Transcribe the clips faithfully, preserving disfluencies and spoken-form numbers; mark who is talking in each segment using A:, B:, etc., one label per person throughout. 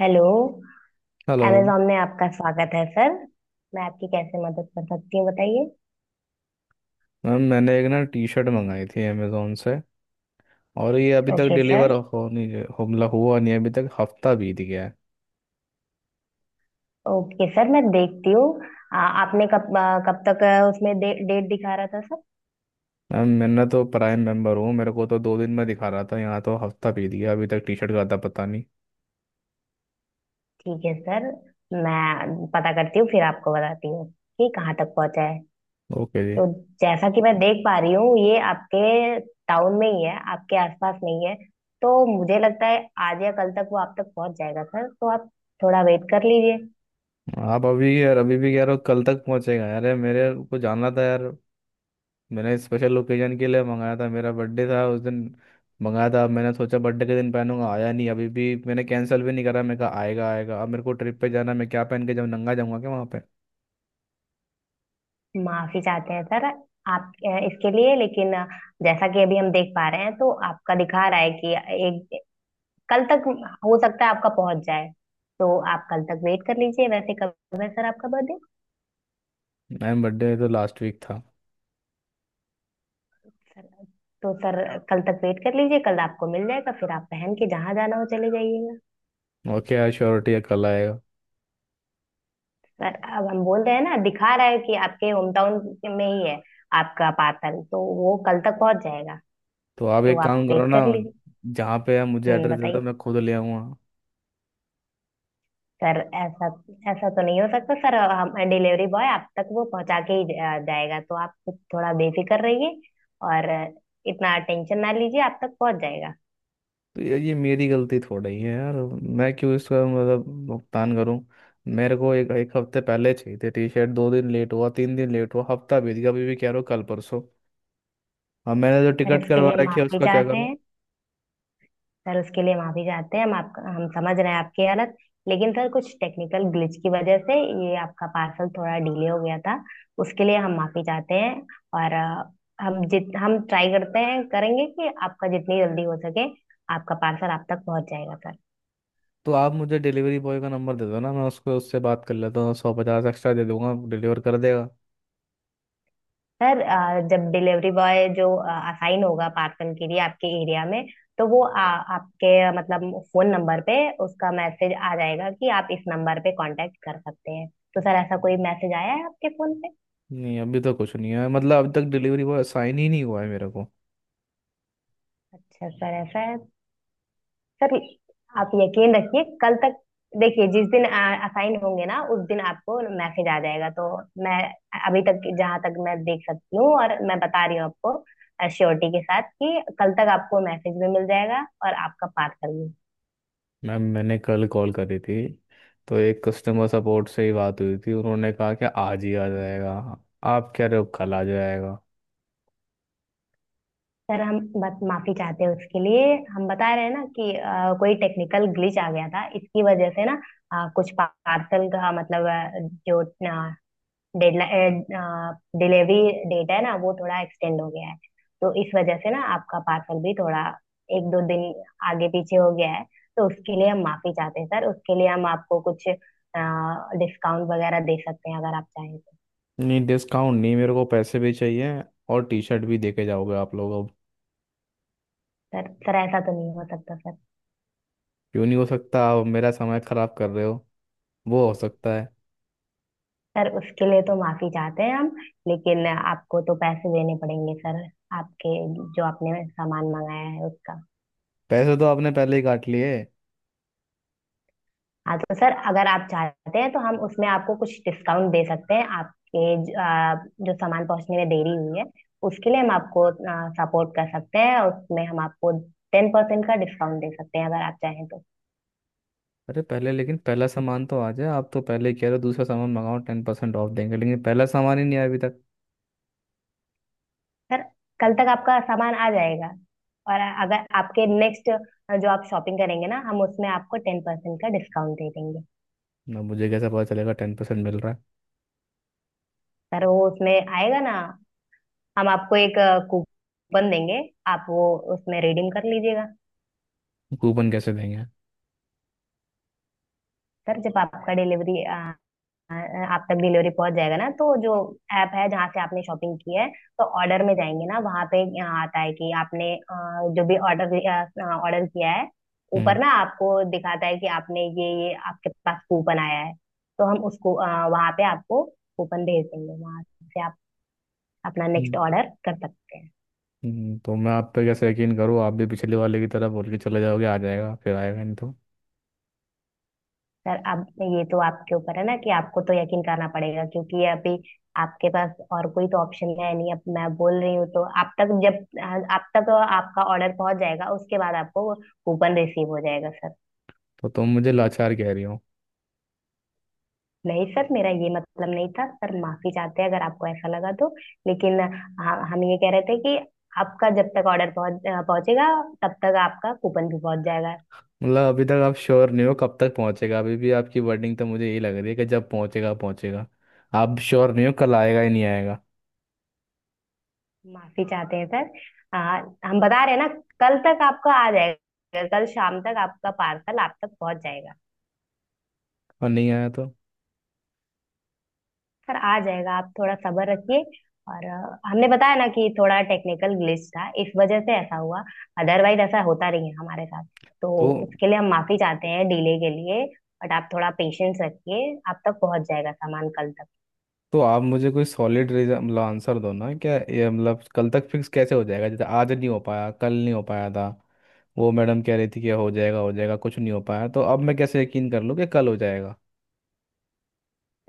A: Hello.
B: Hello
A: Amazon में आपका स्वागत है सर। मैं आपकी कैसे मदद कर सकती हूँ बताइए।
B: मैम, मैंने एक ना टी शर्ट मंगाई थी अमेजोन से, और ये अभी तक
A: ओके
B: डिलीवर
A: सर।
B: हो नहीं हो मतलब हुआ नहीं। अभी तक हफ्ता बीत गया है।
A: ओके सर मैं देखती हूँ। आ, आपने कब आ, कब तक आ, उसमें डे, डेट दिखा रहा था सर?
B: मैम, मैंने तो प्राइम मेंबर हूँ, मेरे को तो दो दिन में दिखा रहा था, यहाँ तो हफ्ता बीत गया, अभी तक टी शर्ट का आता पता नहीं।
A: ठीक है सर। मैं पता करती हूँ फिर आपको बताती हूँ कि कहाँ तक पहुँचा है।
B: ओके जी।
A: तो जैसा कि मैं देख पा रही हूँ ये आपके टाउन में ही है, आपके आसपास नहीं है। तो मुझे लगता है आज या कल तक वो आप तक पहुँच जाएगा सर, तो आप थोड़ा वेट कर लीजिए।
B: आप अभी यार अभी भी कह रहे हो कल तक पहुँचेगा यार, ये मेरे को जानना था यार। मैंने स्पेशल ओकेजन के लिए मंगाया था, मेरा बर्थडे था उस दिन मंगाया था, मैंने सोचा बर्थडे के दिन पहनूंगा, आया नहीं। अभी भी मैंने कैंसिल भी नहीं करा, मैं कहा आएगा आएगा, अब मेरे को ट्रिप पे जाना है, मैं क्या पहन के, जब नंगा जाऊंगा क्या वहाँ पे।
A: माफी चाहते हैं सर आप अ, इसके लिए, लेकिन अ, जैसा कि अभी हम देख पा रहे हैं तो आपका दिखा रहा है कि एक कल तक हो सकता है आपका पहुंच जाए। तो आप कल तक वेट कर लीजिए। वैसे कब है सर आपका बर्थडे?
B: मैम बर्थडे तो लास्ट वीक था।
A: सर तो सर कल तक वेट कर लीजिए, कल आपको मिल जाएगा, फिर आप पहन के जहां जाना हो चले जाइएगा।
B: ओके यार, श्योरिटी है कल आएगा?
A: सर अब हम बोल रहे हैं ना, दिखा रहा है कि आपके होम टाउन में ही है आपका पार्सल, तो वो कल तक पहुंच जाएगा,
B: तो आप
A: तो
B: एक
A: आप
B: काम करो
A: वेट
B: ना,
A: कर लीजिए।
B: जहाँ पे आप मुझे
A: हम्म,
B: एड्रेस दे
A: बताइए।
B: दो, मैं खुद ले आऊँगा।
A: सर ऐसा ऐसा तो नहीं हो सकता सर। हम डिलीवरी बॉय आप तक वो पहुंचा के ही जा- जाएगा, तो आप कुछ थोड़ा बेफिक्र रहिए और इतना टेंशन ना लीजिए, आप तक पहुंच जाएगा।
B: तो ये, ये मेरी गलती थोड़ा ही है यार। मैं क्यों इसका मतलब भुगतान करूँ? मेरे को एक एक हफ्ते पहले चाहिए थे टी शर्ट, दो दिन लेट हुआ, तीन दिन लेट हुआ, हफ्ता बीत गया, अभी भी कह रहे हो कल परसों। अब मैंने जो
A: सर
B: टिकट
A: उसके
B: करवा
A: लिए
B: रखी है
A: माफी
B: उसका क्या
A: चाहते
B: करूँ?
A: हैं। सर उसके लिए माफी चाहते हैं हम, आपका हम समझ रहे हैं आपकी हालत, लेकिन सर कुछ टेक्निकल ग्लिच की वजह से ये आपका पार्सल थोड़ा डिले हो गया था। उसके लिए हम माफी चाहते हैं। और अ, हम जित हम ट्राई करते हैं करेंगे कि आपका जितनी जल्दी हो सके आपका पार्सल आप तक पहुंच जाएगा सर
B: तो आप मुझे डिलीवरी बॉय का नंबर दे दो ना, मैं उसको, उससे बात कर लेता हूँ, सौ पचास एक्स्ट्रा दे दूंगा, डिलीवर कर देगा।
A: सर अ, जब डिलीवरी बॉय जो असाइन होगा पार्सल के लिए आपके एरिया में तो वो आ, आपके मतलब फोन नंबर पे उसका मैसेज आ जाएगा कि आप इस नंबर पे कांटेक्ट कर सकते हैं। तो सर ऐसा कोई मैसेज आया है आपके फोन पे?
B: नहीं, अभी तक कुछ नहीं है, मतलब अभी तक डिलीवरी बॉय साइन ही नहीं हुआ है मेरे को।
A: अच्छा सर, ऐसा है। सर आप यकीन रखिए कल तक, देखिए जिस दिन असाइन होंगे ना उस दिन आपको मैसेज आ जाएगा। तो मैं अभी तक जहाँ तक मैं देख सकती हूँ और मैं बता रही हूँ आपको श्योरिटी के साथ कि कल तक आपको मैसेज भी मिल जाएगा और आपका पार्सल भी।
B: मैम मैंने कल कॉल करी थी, तो एक कस्टमर सपोर्ट से ही बात हुई थी, उन्होंने कहा कि आज ही आ जाएगा, आप कह रहे हो कल आ जाएगा।
A: सर हम बस माफी चाहते हैं उसके लिए। हम बता रहे हैं ना कि अ, कोई टेक्निकल ग्लिच आ गया था इसकी वजह से ना। अ, कुछ पार्सल का मतलब अ, जो डेडलाइन, डिलीवरी डेट है ना वो थोड़ा एक्सटेंड हो गया है। तो इस वजह से ना आपका पार्सल भी थोड़ा एक दो दिन आगे पीछे हो गया है। तो उसके लिए हम माफी चाहते हैं सर। उसके लिए हम आपको कुछ डिस्काउंट वगैरह दे सकते हैं अगर आप चाहें तो।
B: नहीं, डिस्काउंट नहीं, मेरे को पैसे भी चाहिए और टी शर्ट भी, देके जाओगे आप लोग अब।
A: सर सर ऐसा तो नहीं हो सकता सर।
B: क्यों नहीं हो सकता? आप मेरा समय खराब कर रहे हो, वो हो सकता है।
A: सर उसके लिए तो माफी चाहते हैं हम, लेकिन आपको तो पैसे देने पड़ेंगे सर, आपके जो आपने सामान मंगाया है उसका।
B: पैसे तो आपने पहले ही काट लिए।
A: हाँ तो सर अगर आप चाहते हैं तो हम उसमें आपको कुछ डिस्काउंट दे सकते हैं आपके ज- आ, जो सामान पहुंचने में देरी हुई है उसके लिए हम आपको सपोर्ट कर सकते हैं और उसमें हम आपको टेन परसेंट का डिस्काउंट दे सकते हैं अगर आप चाहें तो।
B: अरे पहले, लेकिन पहला सामान तो आ जाए, आप तो पहले ही कह रहे हो दूसरा सामान मंगाओ टेन परसेंट ऑफ देंगे, लेकिन पहला सामान ही नहीं आया अभी तक।
A: सर कल तक आपका सामान आ जाएगा और अगर आपके नेक्स्ट जो आप शॉपिंग करेंगे ना हम उसमें आपको टेन परसेंट का डिस्काउंट दे देंगे।
B: ना, मुझे कैसे पता चलेगा टेन परसेंट मिल रहा
A: सर वो उसमें आएगा ना, हम आपको एक कूपन देंगे, आप वो उसमें रिडीम कर लीजिएगा।
B: है? कूपन कैसे देंगे?
A: सर जब आपका डिलीवरी आपका डिलीवरी पहुंच जाएगा ना तो जो ऐप है जहाँ से आपने शॉपिंग की है तो ऑर्डर में जाएंगे ना वहाँ पे आता है कि आपने अ, जो भी ऑर्डर ऑर्डर किया है ऊपर
B: हम्म।
A: ना आपको दिखाता है कि आपने ये ये आपके पास कूपन आया है। तो हम उसको अ, वहाँ पे आपको कूपन भेज देंगे, वहाँ से आप अपना
B: हम्म,
A: नेक्स्ट ऑर्डर कर सकते हैं।
B: हम्म, तो मैं आप पे कैसे यकीन करूँ? आप भी पिछले वाले की तरह बोल के चले जाओगे, आ जाएगा, फिर आएगा नहीं तो?
A: सर अब ये तो आपके ऊपर है ना कि आपको तो यकीन करना पड़ेगा, क्योंकि ये अभी आपके पास और कोई तो ऑप्शन है नहीं, अब मैं बोल रही हूँ तो आप तक जब आप तक आपका ऑर्डर पहुंच जाएगा उसके बाद आपको कूपन रिसीव हो जाएगा सर।
B: तो तुम मुझे लाचार कह रही हो?
A: नहीं सर, मेरा ये मतलब नहीं था सर, माफी चाहते हैं अगर आपको ऐसा लगा तो। लेकिन हाँ, हम ये कह रहे थे कि आपका जब तक ऑर्डर पहुंच पहुंचेगा तब तक आपका कूपन भी पहुंच जाएगा।
B: मतलब अभी तक आप श्योर नहीं हो कब तक पहुंचेगा? अभी भी आपकी वर्डिंग तो मुझे यही लग रही है कि जब पहुंचेगा पहुंचेगा। आप श्योर नहीं हो, कल आएगा ही नहीं आएगा?
A: माफी चाहते हैं सर। आ, हम बता रहे हैं ना, कल तक आपका आ जाएगा, कल शाम तक आपका पार्सल आप तक पहुंच जाएगा।
B: और नहीं आया तो
A: सर आ जाएगा, आप थोड़ा सब्र रखिए। और अ, हमने बताया ना कि थोड़ा टेक्निकल ग्लिच था इस वजह से ऐसा हुआ, अदरवाइज ऐसा होता नहीं है हमारे साथ। तो
B: तो
A: उसके लिए हम माफी चाहते हैं डिले के लिए। बट आप थोड़ा पेशेंस रखिए, आप तक पहुंच जाएगा सामान कल तक।
B: तो आप मुझे कोई सॉलिड रीजन मतलब आंसर दो ना, क्या ये मतलब कल तक फिक्स कैसे हो जाएगा, जैसे आज नहीं हो पाया, कल नहीं हो पाया था, वो मैडम कह रही थी कि हो जाएगा हो जाएगा, कुछ नहीं हो पाया, तो अब मैं कैसे यकीन कर लूँ कि कल हो जाएगा?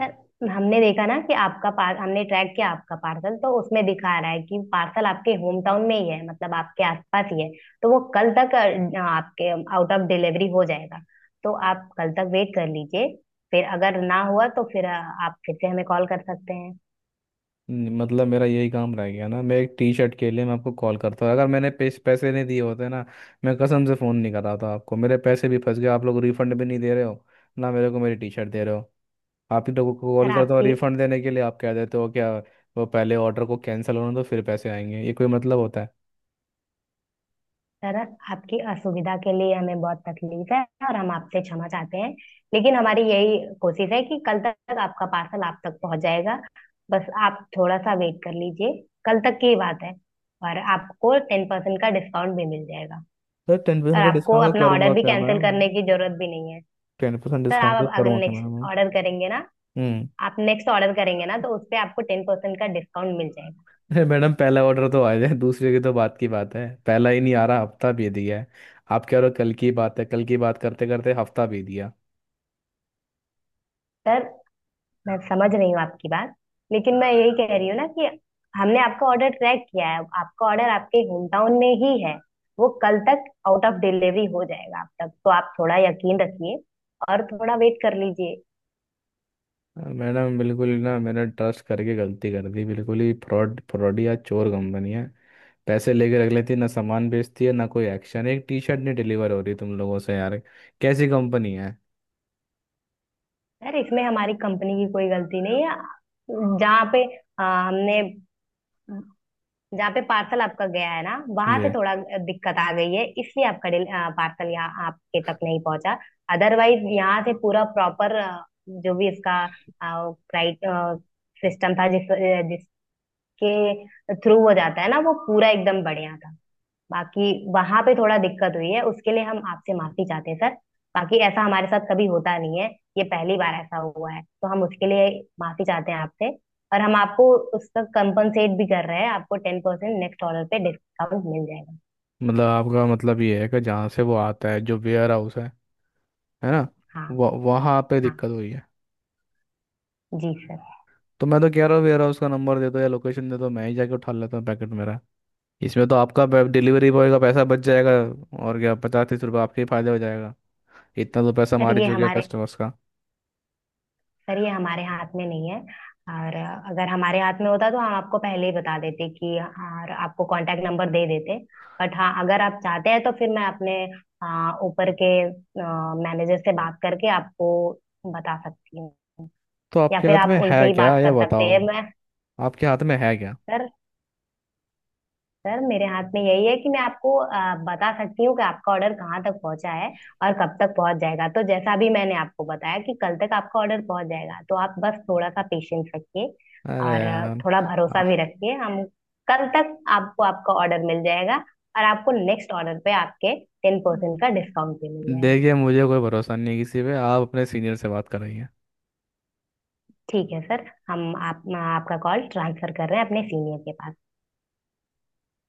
A: सर हमने देखा ना कि आपका पार हमने ट्रैक किया आपका पार्सल तो उसमें दिखा रहा है कि पार्सल आपके होम टाउन में ही है, मतलब आपके आसपास ही है। तो वो कल तक अ, आपके आउट ऑफ डिलीवरी हो जाएगा, तो आप कल तक वेट कर लीजिए। फिर अगर ना हुआ तो फिर अ, आप फिर से हमें कॉल कर सकते हैं।
B: न- मतलब मेरा यही काम रह गया ना, मैं एक टी शर्ट के लिए मैं आपको कॉल करता हूँ? अगर मैंने पेस, पैसे नहीं दिए होते ना, मैं कसम से फ़ोन नहीं कर रहा था आपको। मेरे पैसे भी फंस गए, आप लोग रिफंड भी नहीं दे रहे हो, ना मेरे को मेरी टी शर्ट दे रहे हो। आप ही लोगों को
A: सर
B: कॉल करता हूँ
A: आपकी
B: रिफंड देने के लिए, आप कह देते हो क्या वो पहले ऑर्डर को कैंसिल होने दो फिर पैसे आएंगे, ये कोई मतलब होता है?
A: सर आपकी असुविधा के लिए हमें बहुत तकलीफ है और हम आपसे क्षमा चाहते हैं, लेकिन हमारी यही कोशिश है कि कल तक आपका पार्सल आप तक पहुंच जाएगा। बस आप थोड़ा सा वेट कर लीजिए, कल तक की बात है। और आपको टेन परसेंट का डिस्काउंट भी मिल जाएगा,
B: सर, टेन परसेंट
A: और
B: का
A: आपको
B: डिस्काउंट का
A: अपना ऑर्डर
B: करूंगा
A: भी
B: क्या
A: कैंसिल
B: मैम?
A: करने की जरूरत भी नहीं है।
B: टेन परसेंट
A: सर
B: डिस्काउंट
A: आप
B: का
A: अब अगर
B: करूंगा क्या
A: नेक्स्ट
B: मैम?
A: ऑर्डर करेंगे ना,
B: हम्म।
A: आप नेक्स्ट ऑर्डर करेंगे ना तो उस पे आपको टेन परसेंट का डिस्काउंट मिल जाएगा।
B: अरे मैडम, पहला ऑर्डर तो आ जाए, दूसरे की तो बात की बात है, पहला ही नहीं आ रहा, हफ्ता भी दिया है। आप कह रहे हो कल की बात है, कल की बात करते करते हफ्ता भी दिया।
A: सर, मैं समझ रही हूँ आपकी बात, लेकिन मैं यही कह रही हूँ ना कि हमने आपका ऑर्डर ट्रैक किया है, आपका ऑर्डर आपके होम टाउन में ही है, वो कल तक आउट ऑफ डिलीवरी हो जाएगा आप तक, तो आप थोड़ा यकीन रखिए और थोड़ा वेट कर लीजिए।
B: हाँ, मैडम, बिल्कुल ना, मैंने ट्रस्ट करके गलती कर दी, बिल्कुल ही फ्रॉड फ्रॉडी या चोर कंपनी है। पैसे लेके रख लेती है, ना सामान बेचती है, ना कोई एक्शन, एक टी शर्ट नहीं डिलीवर हो रही तुम लोगों से यार। कैसी कंपनी है?
A: यार इसमें हमारी कंपनी की कोई गलती नहीं है, जहाँ पे आ, हमने जहाँ पे पार्सल आपका गया है ना वहां
B: जी।
A: से थोड़ा दिक्कत आ गई है, इसलिए आपका डिल- अ, पार्सल यहाँ आपके तक नहीं पहुंचा। अदरवाइज यहाँ से पूरा प्रॉपर जो भी इसका क्राइट सिस्टम था जिस अ, जिसके थ्रू हो जाता है ना वो पूरा एकदम बढ़िया था। बाकी वहां पे थोड़ा दिक्कत हुई है, उसके लिए हम आपसे माफी चाहते हैं सर। बाकी ऐसा हमारे साथ कभी होता नहीं है, ये पहली बार ऐसा हुआ है तो हम उसके लिए माफी चाहते हैं आपसे। और हम आपको उसका कंपनसेट भी कर रहे हैं, आपको टेन परसेंट नेक्स्ट ऑर्डर पे डिस्काउंट मिल जाएगा।
B: मतलब आपका मतलब ये है कि जहाँ से वो आता है जो वेयर हाउस है है ना?
A: हाँ,
B: वह वहाँ पे
A: हाँ
B: दिक्कत हुई है।
A: जी सर।
B: तो मैं तो कह रहा हूँ वेयर हाउस का नंबर दे दो या लोकेशन दे दो, मैं ही जाके उठा लेता हूँ पैकेट मेरा। इसमें तो आपका डिलीवरी बॉय का पैसा बच जाएगा, और क्या, पचास तीस रुपये आपके ही फायदे हो जाएगा। इतना तो पैसा
A: सर
B: मार ही
A: ये
B: चुके
A: हमारे
B: कस्टमर्स का।
A: सर ये हमारे हाथ में नहीं है, और अगर हमारे हाथ में होता तो हम आपको पहले ही बता देते कि और आपको कांटेक्ट नंबर दे देते। बट हाँ अगर आप चाहते हैं तो फिर मैं अपने अ, ऊपर के मैनेजर से बात करके आपको बता सकती हूँ,
B: तो
A: या
B: आपके
A: फिर
B: हाथ
A: आप
B: में
A: उनसे
B: है
A: ही
B: क्या
A: बात
B: ये
A: कर सकते
B: बताओ।
A: हैं मैं।
B: आपके हाथ में है क्या?
A: सर सर मेरे हाथ में यही है कि मैं आपको आ, बता सकती हूँ कि आपका ऑर्डर कहाँ तक पहुँचा है और कब तक पहुँच जाएगा। तो जैसा भी मैंने आपको बताया कि कल तक आपका ऑर्डर पहुँच जाएगा तो आप बस थोड़ा सा पेशेंस रखिए
B: अरे
A: और आ,
B: यार।
A: थोड़ा भरोसा भी
B: आह,
A: रखिए। हम कल तक आपको आपका ऑर्डर मिल जाएगा और आपको नेक्स्ट ऑर्डर पे आपके टेन परसेंट का डिस्काउंट भी मिल जाएगा।
B: देखिए मुझे कोई भरोसा नहीं किसी पे, आप अपने सीनियर से बात कर रही हैं।
A: ठीक है सर, हम आप, आपका कॉल ट्रांसफर कर रहे हैं अपने सीनियर के पास।